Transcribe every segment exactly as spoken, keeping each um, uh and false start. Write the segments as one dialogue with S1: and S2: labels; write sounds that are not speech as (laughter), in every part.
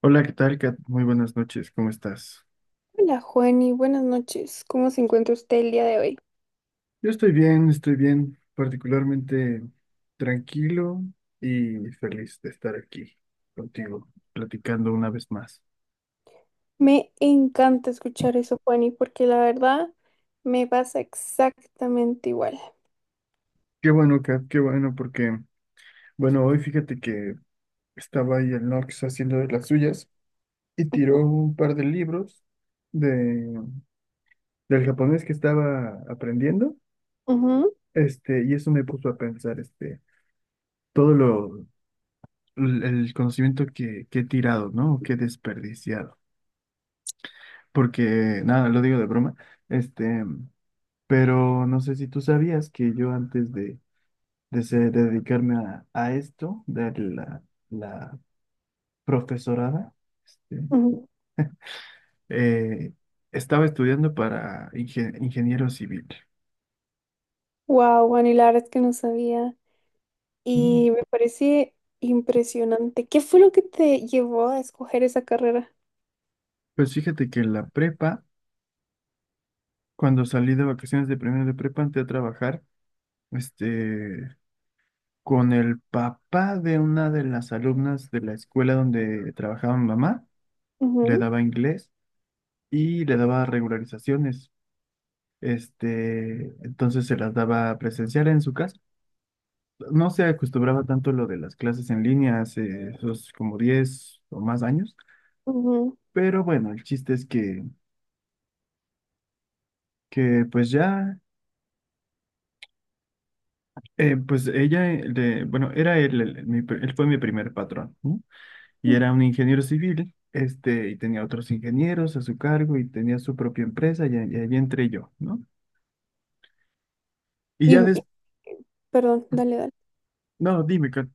S1: Hola, ¿qué tal, Kat? Muy buenas noches, ¿cómo estás?
S2: Hola Juani, buenas noches. ¿Cómo se encuentra usted el día de hoy?
S1: Yo estoy bien, estoy bien, particularmente tranquilo y feliz de estar aquí contigo, platicando una vez más.
S2: Me encanta escuchar eso, Juani, porque la verdad me pasa exactamente igual.
S1: Qué bueno, Kat, qué bueno, porque, bueno, hoy fíjate que estaba ahí el Nox haciendo de las suyas y tiró
S2: Ujú,
S1: un par de libros de, del japonés que estaba aprendiendo,
S2: ujú,
S1: este, y eso me puso a pensar, este, todo lo, el el conocimiento que, que he tirado, ¿no? Que he desperdiciado. Porque nada, lo digo de broma, este, pero no sé si tú sabías que yo antes de, de, ser- de dedicarme a, a esto, de la, la profesorada, este,
S2: ujú.
S1: eh, estaba estudiando para inge- ingeniero civil.
S2: Wow, Juani, la verdad es que no sabía
S1: Mm.
S2: y me parece impresionante. ¿Qué fue lo que te llevó a escoger esa carrera?
S1: Pues fíjate que en la prepa, cuando salí de vacaciones de primero de prepa, entré a trabajar, este, con el papá de una de las alumnas de la escuela donde trabajaba mi mamá, le
S2: Ujú,
S1: daba inglés. Y le daba regularizaciones. Este, entonces se las daba presencial en su casa. No se acostumbraba tanto lo de las clases en línea hace esos como diez o más años,
S2: ujú,
S1: pero bueno, el chiste es que, que pues ya, eh, pues ella, eh, le- bueno, era él, el- el- mi pr- él fue mi primer patrón, ¿no? Y
S2: ujú.
S1: era un ingeniero civil, este, y tenía otros ingenieros a su cargo y tenía su propia empresa y, ahí y ahí entré yo, ¿no? Y
S2: Y
S1: ya
S2: y-
S1: después,
S2: Perdón, dale, dale.
S1: no, dime, Kat,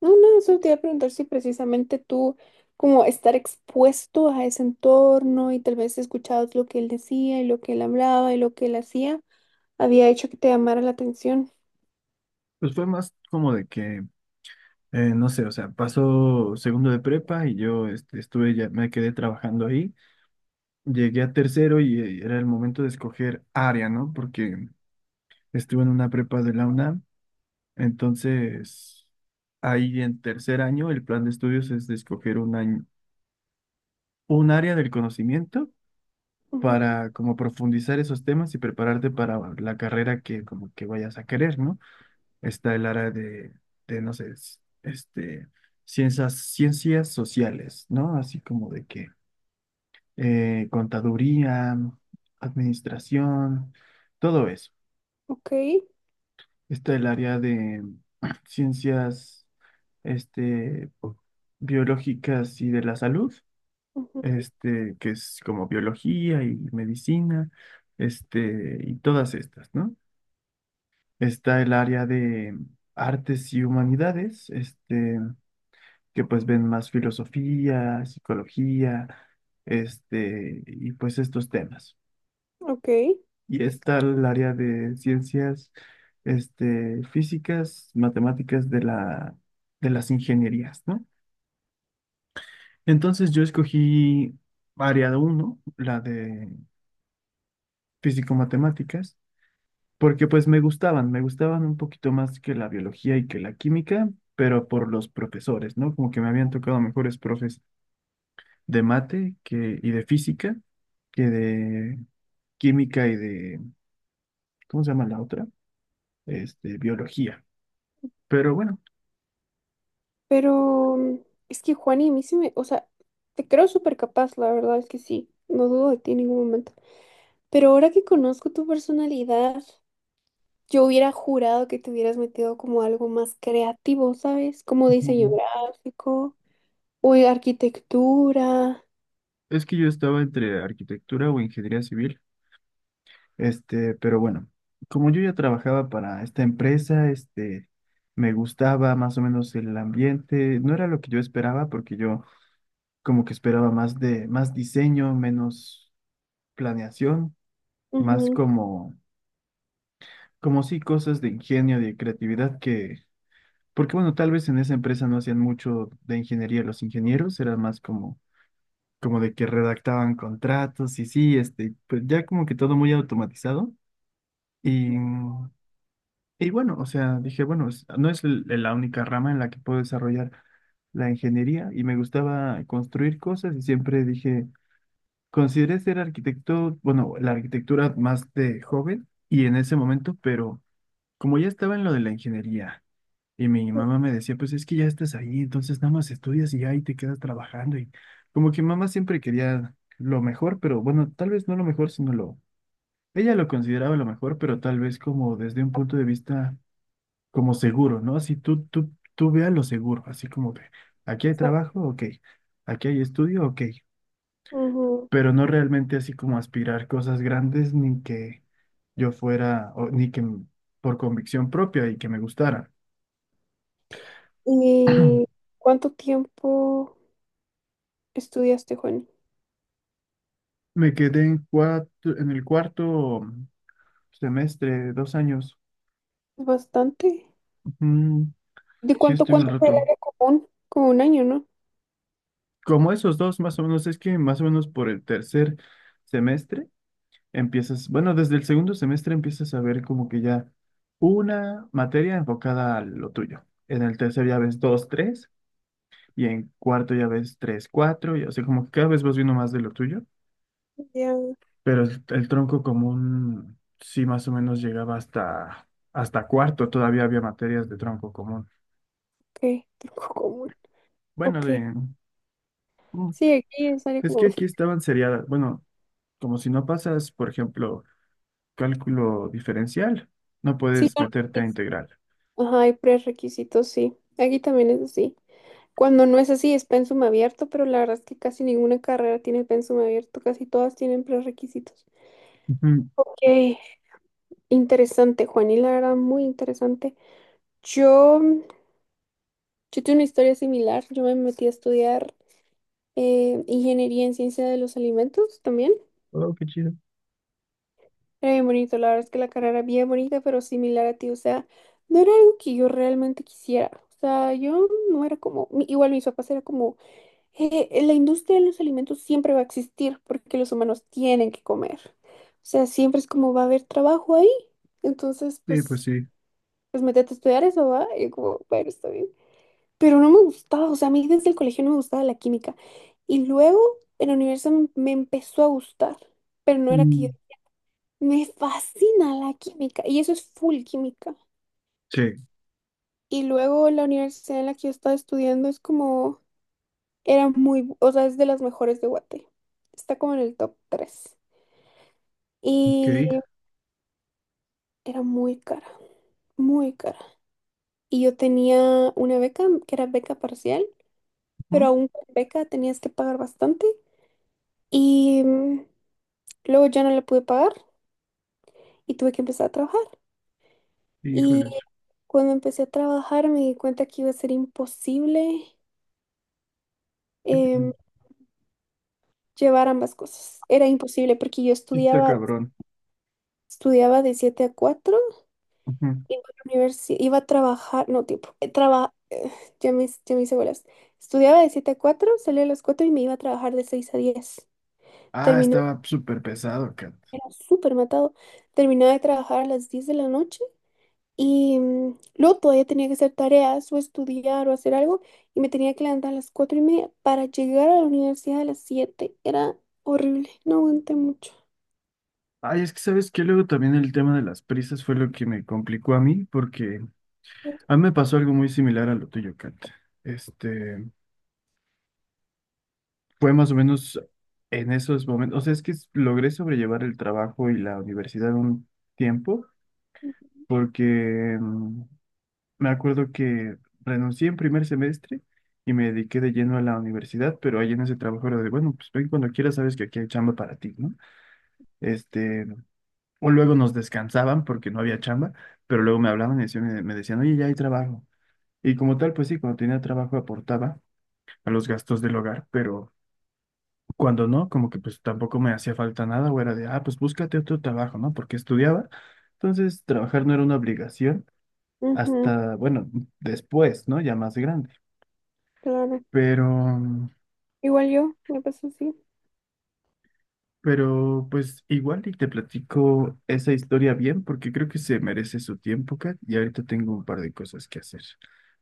S2: No, no, solo te iba a preguntar si precisamente tú, como estar expuesto a ese entorno y tal vez escuchabas lo que él decía y lo que él hablaba y lo que él hacía, había hecho que te llamara la atención.
S1: pues fue más como de que Eh, no sé, o sea, pasó segundo de prepa y yo este, estuve ya, me quedé trabajando ahí. Llegué a tercero y eh, era el momento de escoger área, ¿no? Porque estuve en una prepa de la U N A M. Entonces, ahí en tercer año, el plan de estudios es de escoger un año, un área del conocimiento
S2: Ujú,
S1: para como profundizar esos temas y prepararte para la carrera que como que vayas a querer, ¿no? Está el área de, de, no sé, es- este, ciencias, ciencias sociales, ¿no? Así como de que eh, contaduría, administración, todo eso.
S2: ok,
S1: Está el área de (clears throat) ciencias, este, biológicas y de la salud,
S2: ujú,
S1: este, que es como biología y medicina, este, y todas estas, ¿no? Está el área de artes y humanidades, este, que pues ven más filosofía, psicología, este, y pues estos temas.
S2: ok.
S1: Y está el área de ciencias, este, físicas, matemáticas de la, de las ingenierías, ¿no? Entonces yo escogí área uno, la de físico-matemáticas, porque pues me gustaban, me gustaban un poquito más que la biología y que la química, pero por los profesores, ¿no? Como que me habían tocado mejores profes de mate que, y de física que de química y de, ¿cómo se llama la otra? Este, biología. Pero bueno,
S2: Pero mm, es que Juani, a mí sí me, o sea, te creo súper capaz, la verdad es que sí, no dudo de ti en ningún momento. Pero ahora que conozco tu personalidad, yo hubiera jurado que te hubieras metido como algo más creativo, ¿sabes? Como diseño
S1: ujú,
S2: gráfico. Uy, arquitectura.
S1: es que yo estaba entre arquitectura o ingeniería civil. Este, pero bueno, como yo ya trabajaba para esta empresa, este, me gustaba más o menos el ambiente. No era lo que yo esperaba porque yo como que esperaba más de, más diseño, menos planeación, más
S2: Ujú.
S1: como, como sí cosas de ingenio, de creatividad que porque bueno, tal vez en esa empresa no hacían mucho de ingeniería los ingenieros, era más como, como de que redactaban contratos y sí, este, pues ya como que todo muy automatizado. Y, y bueno, o sea, dije, bueno, es- no es l- la única rama en la que puedo desarrollar la ingeniería y me gustaba construir cosas y siempre dije, consideré ser arquitecto, bueno, la arquitectura más de joven y en ese momento, pero como ya estaba en lo de la ingeniería y mi mamá me decía, pues es que ya estás ahí, entonces nada más estudias y ya ahí te quedas trabajando. Y como que mamá siempre quería lo mejor, pero bueno, tal vez no lo mejor, sino lo... Ella lo consideraba lo mejor, pero tal vez como desde un punto de vista como seguro, ¿no? Así tú, tú, tú veas lo seguro, así como que aquí hay trabajo, ok, aquí hay estudio, ok,
S2: Ujú.
S1: pero no realmente así como aspirar cosas grandes ni que yo fuera, o, ni que m- por convicción propia y que me gustara. (clears throat)
S2: ¿Y cuánto tiempo estudiaste, Juani?
S1: Me quedé en cuatro, en el cuarto semestre, dos años.
S2: Es bastante.
S1: Ujú,
S2: ¿De
S1: sí,
S2: cuánto,
S1: estuve un
S2: cuánto fue el
S1: rato.
S2: área común? Como un año, ¿no?
S1: Como esos dos, más o menos, es que más o menos por el tercer semestre empiezas, bueno, desde el segundo semestre empiezas a ver como que ya una materia enfocada a lo tuyo. En el tercer ya ves dos, tres, y en cuarto ya ves tres, cuatro, y así como que cada vez vas viendo más de lo tuyo.
S2: Ya, ok.
S1: Pero el, el tronco común sí más o menos llegaba hasta, hasta cuarto, todavía había materias de tronco común.
S2: (laughs) Tronco común.
S1: Bueno,
S2: Ok.
S1: de, mm,
S2: Sí, aquí es área
S1: es que
S2: común.
S1: aquí estaban seriadas, bueno, como si no pasas, por ejemplo, cálculo diferencial, no
S2: Sí,
S1: puedes
S2: no,
S1: meterte a
S2: es-
S1: integral.
S2: Ajá, hay prerequisitos, sí. Aquí también es así. Cuando no es así, es pensum abierto, pero la verdad es que casi ninguna carrera tiene pensum abierto, casi todas tienen prerequisitos.
S1: Ujú.
S2: Ok, interesante, Juan, y la verdad, muy interesante. Yo, yo tuve una historia similar, yo me metí a estudiar eh, ingeniería en ciencia de los alimentos también.
S1: Oh, qué chido.
S2: Era bien bonito, la verdad es que la carrera era bien bonita, pero similar a ti, o sea, no era algo que yo realmente quisiera. O sea, yo no era como, mi- igual mis papás era como eh, la industria de los alimentos siempre va a existir porque los humanos tienen que comer. O sea, siempre es como va a haber trabajo ahí. Entonces,
S1: Sí, pues
S2: pues,
S1: sí.
S2: pues métete a estudiar eso, ¿va? Y como, bueno, está bien. Pero no me gustaba, o sea, a mí desde el colegio no me gustaba la química. Y luego en la universidad me, me empezó a gustar, pero no era que yo...
S1: Mm.
S2: Me fascina la química y eso es full química.
S1: Sí,
S2: Y luego la universidad en la que yo estaba estudiando es como... Era muy, bu- o sea, es de las mejores de Guate. Está como en el top tres.
S1: ok.
S2: Y era muy cara, muy cara. Y yo tenía una beca, que era beca parcial, pero
S1: Ujú.
S2: aún con beca tenías que pagar bastante. Y mm, luego ya no la pude pagar y tuve que empezar a trabajar. Y
S1: Híjoles.
S2: cuando empecé a trabajar me di cuenta que iba a ser imposible em,
S1: Ujú.
S2: llevar ambas cosas. Era imposible porque yo
S1: Sí. Está
S2: estudiaba,
S1: cabrón.
S2: estudiaba de siete a cuatro.
S1: Ujú.
S2: Iba a la universidad, iba a trabajar, no, tiempo, eh, traba, eh, ya me, ya me hice bolas. Estudiaba de siete a cuatro, salía a las cuatro y me iba a trabajar de seis a diez.
S1: Ah,
S2: Terminé,
S1: estaba súper pesado, cabrón.
S2: era súper matado. Terminaba de trabajar a las diez de la noche y mm, luego todavía tenía que hacer tareas o estudiar o hacer algo y me tenía que levantar a las cuatro y media para llegar a la universidad a las siete. Era horrible, no aguanté mucho.
S1: Ay, es que sabes que luego también el tema de las prisas fue lo que me complicó a mí, porque a mí me pasó algo muy similar a lo tuyo, Kat. Este, fue más o menos en esos momentos, o sea, es que s- logré sobrellevar el trabajo y la universidad un tiempo, porque mm, me acuerdo que renuncié en primer semestre y me dediqué de lleno a la universidad, pero ahí en ese trabajo era de, bueno, pues ven cuando quieras, sabes que aquí hay chamba para ti, ¿no? Este, o luego nos descansaban porque no había chamba, pero luego me hablaban y decían- me, me decían, oye, ya hay trabajo. Y como tal, pues sí, cuando tenía trabajo aportaba a los gastos del hogar, pero cuando no, como que pues tampoco me hacía falta nada o era de, ah, pues búscate otro trabajo, ¿no? Porque estudiaba. Entonces, trabajar no era una obligación
S2: Ujú,
S1: hasta, bueno, después, ¿no? Ya más grande.
S2: claro.
S1: Pero
S2: Igual yo, me pasó así.
S1: Pero pues igual y te platico esa historia bien porque creo que se merece su tiempo, Kat, y ahorita tengo un par de cosas que hacer.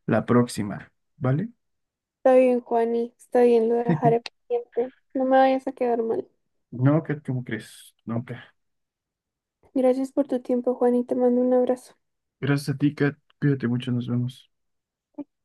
S1: La próxima, ¿vale?
S2: Está bien, Juani, está bien, lo dejaré pendiente. No me vayas a quedar mal.
S1: No, Kat, ¿cómo crees? No, Kat.
S2: Gracias por tu tiempo, Juani, te mando un abrazo.
S1: Gracias a ti, Kat. Cuídate mucho, nos vemos.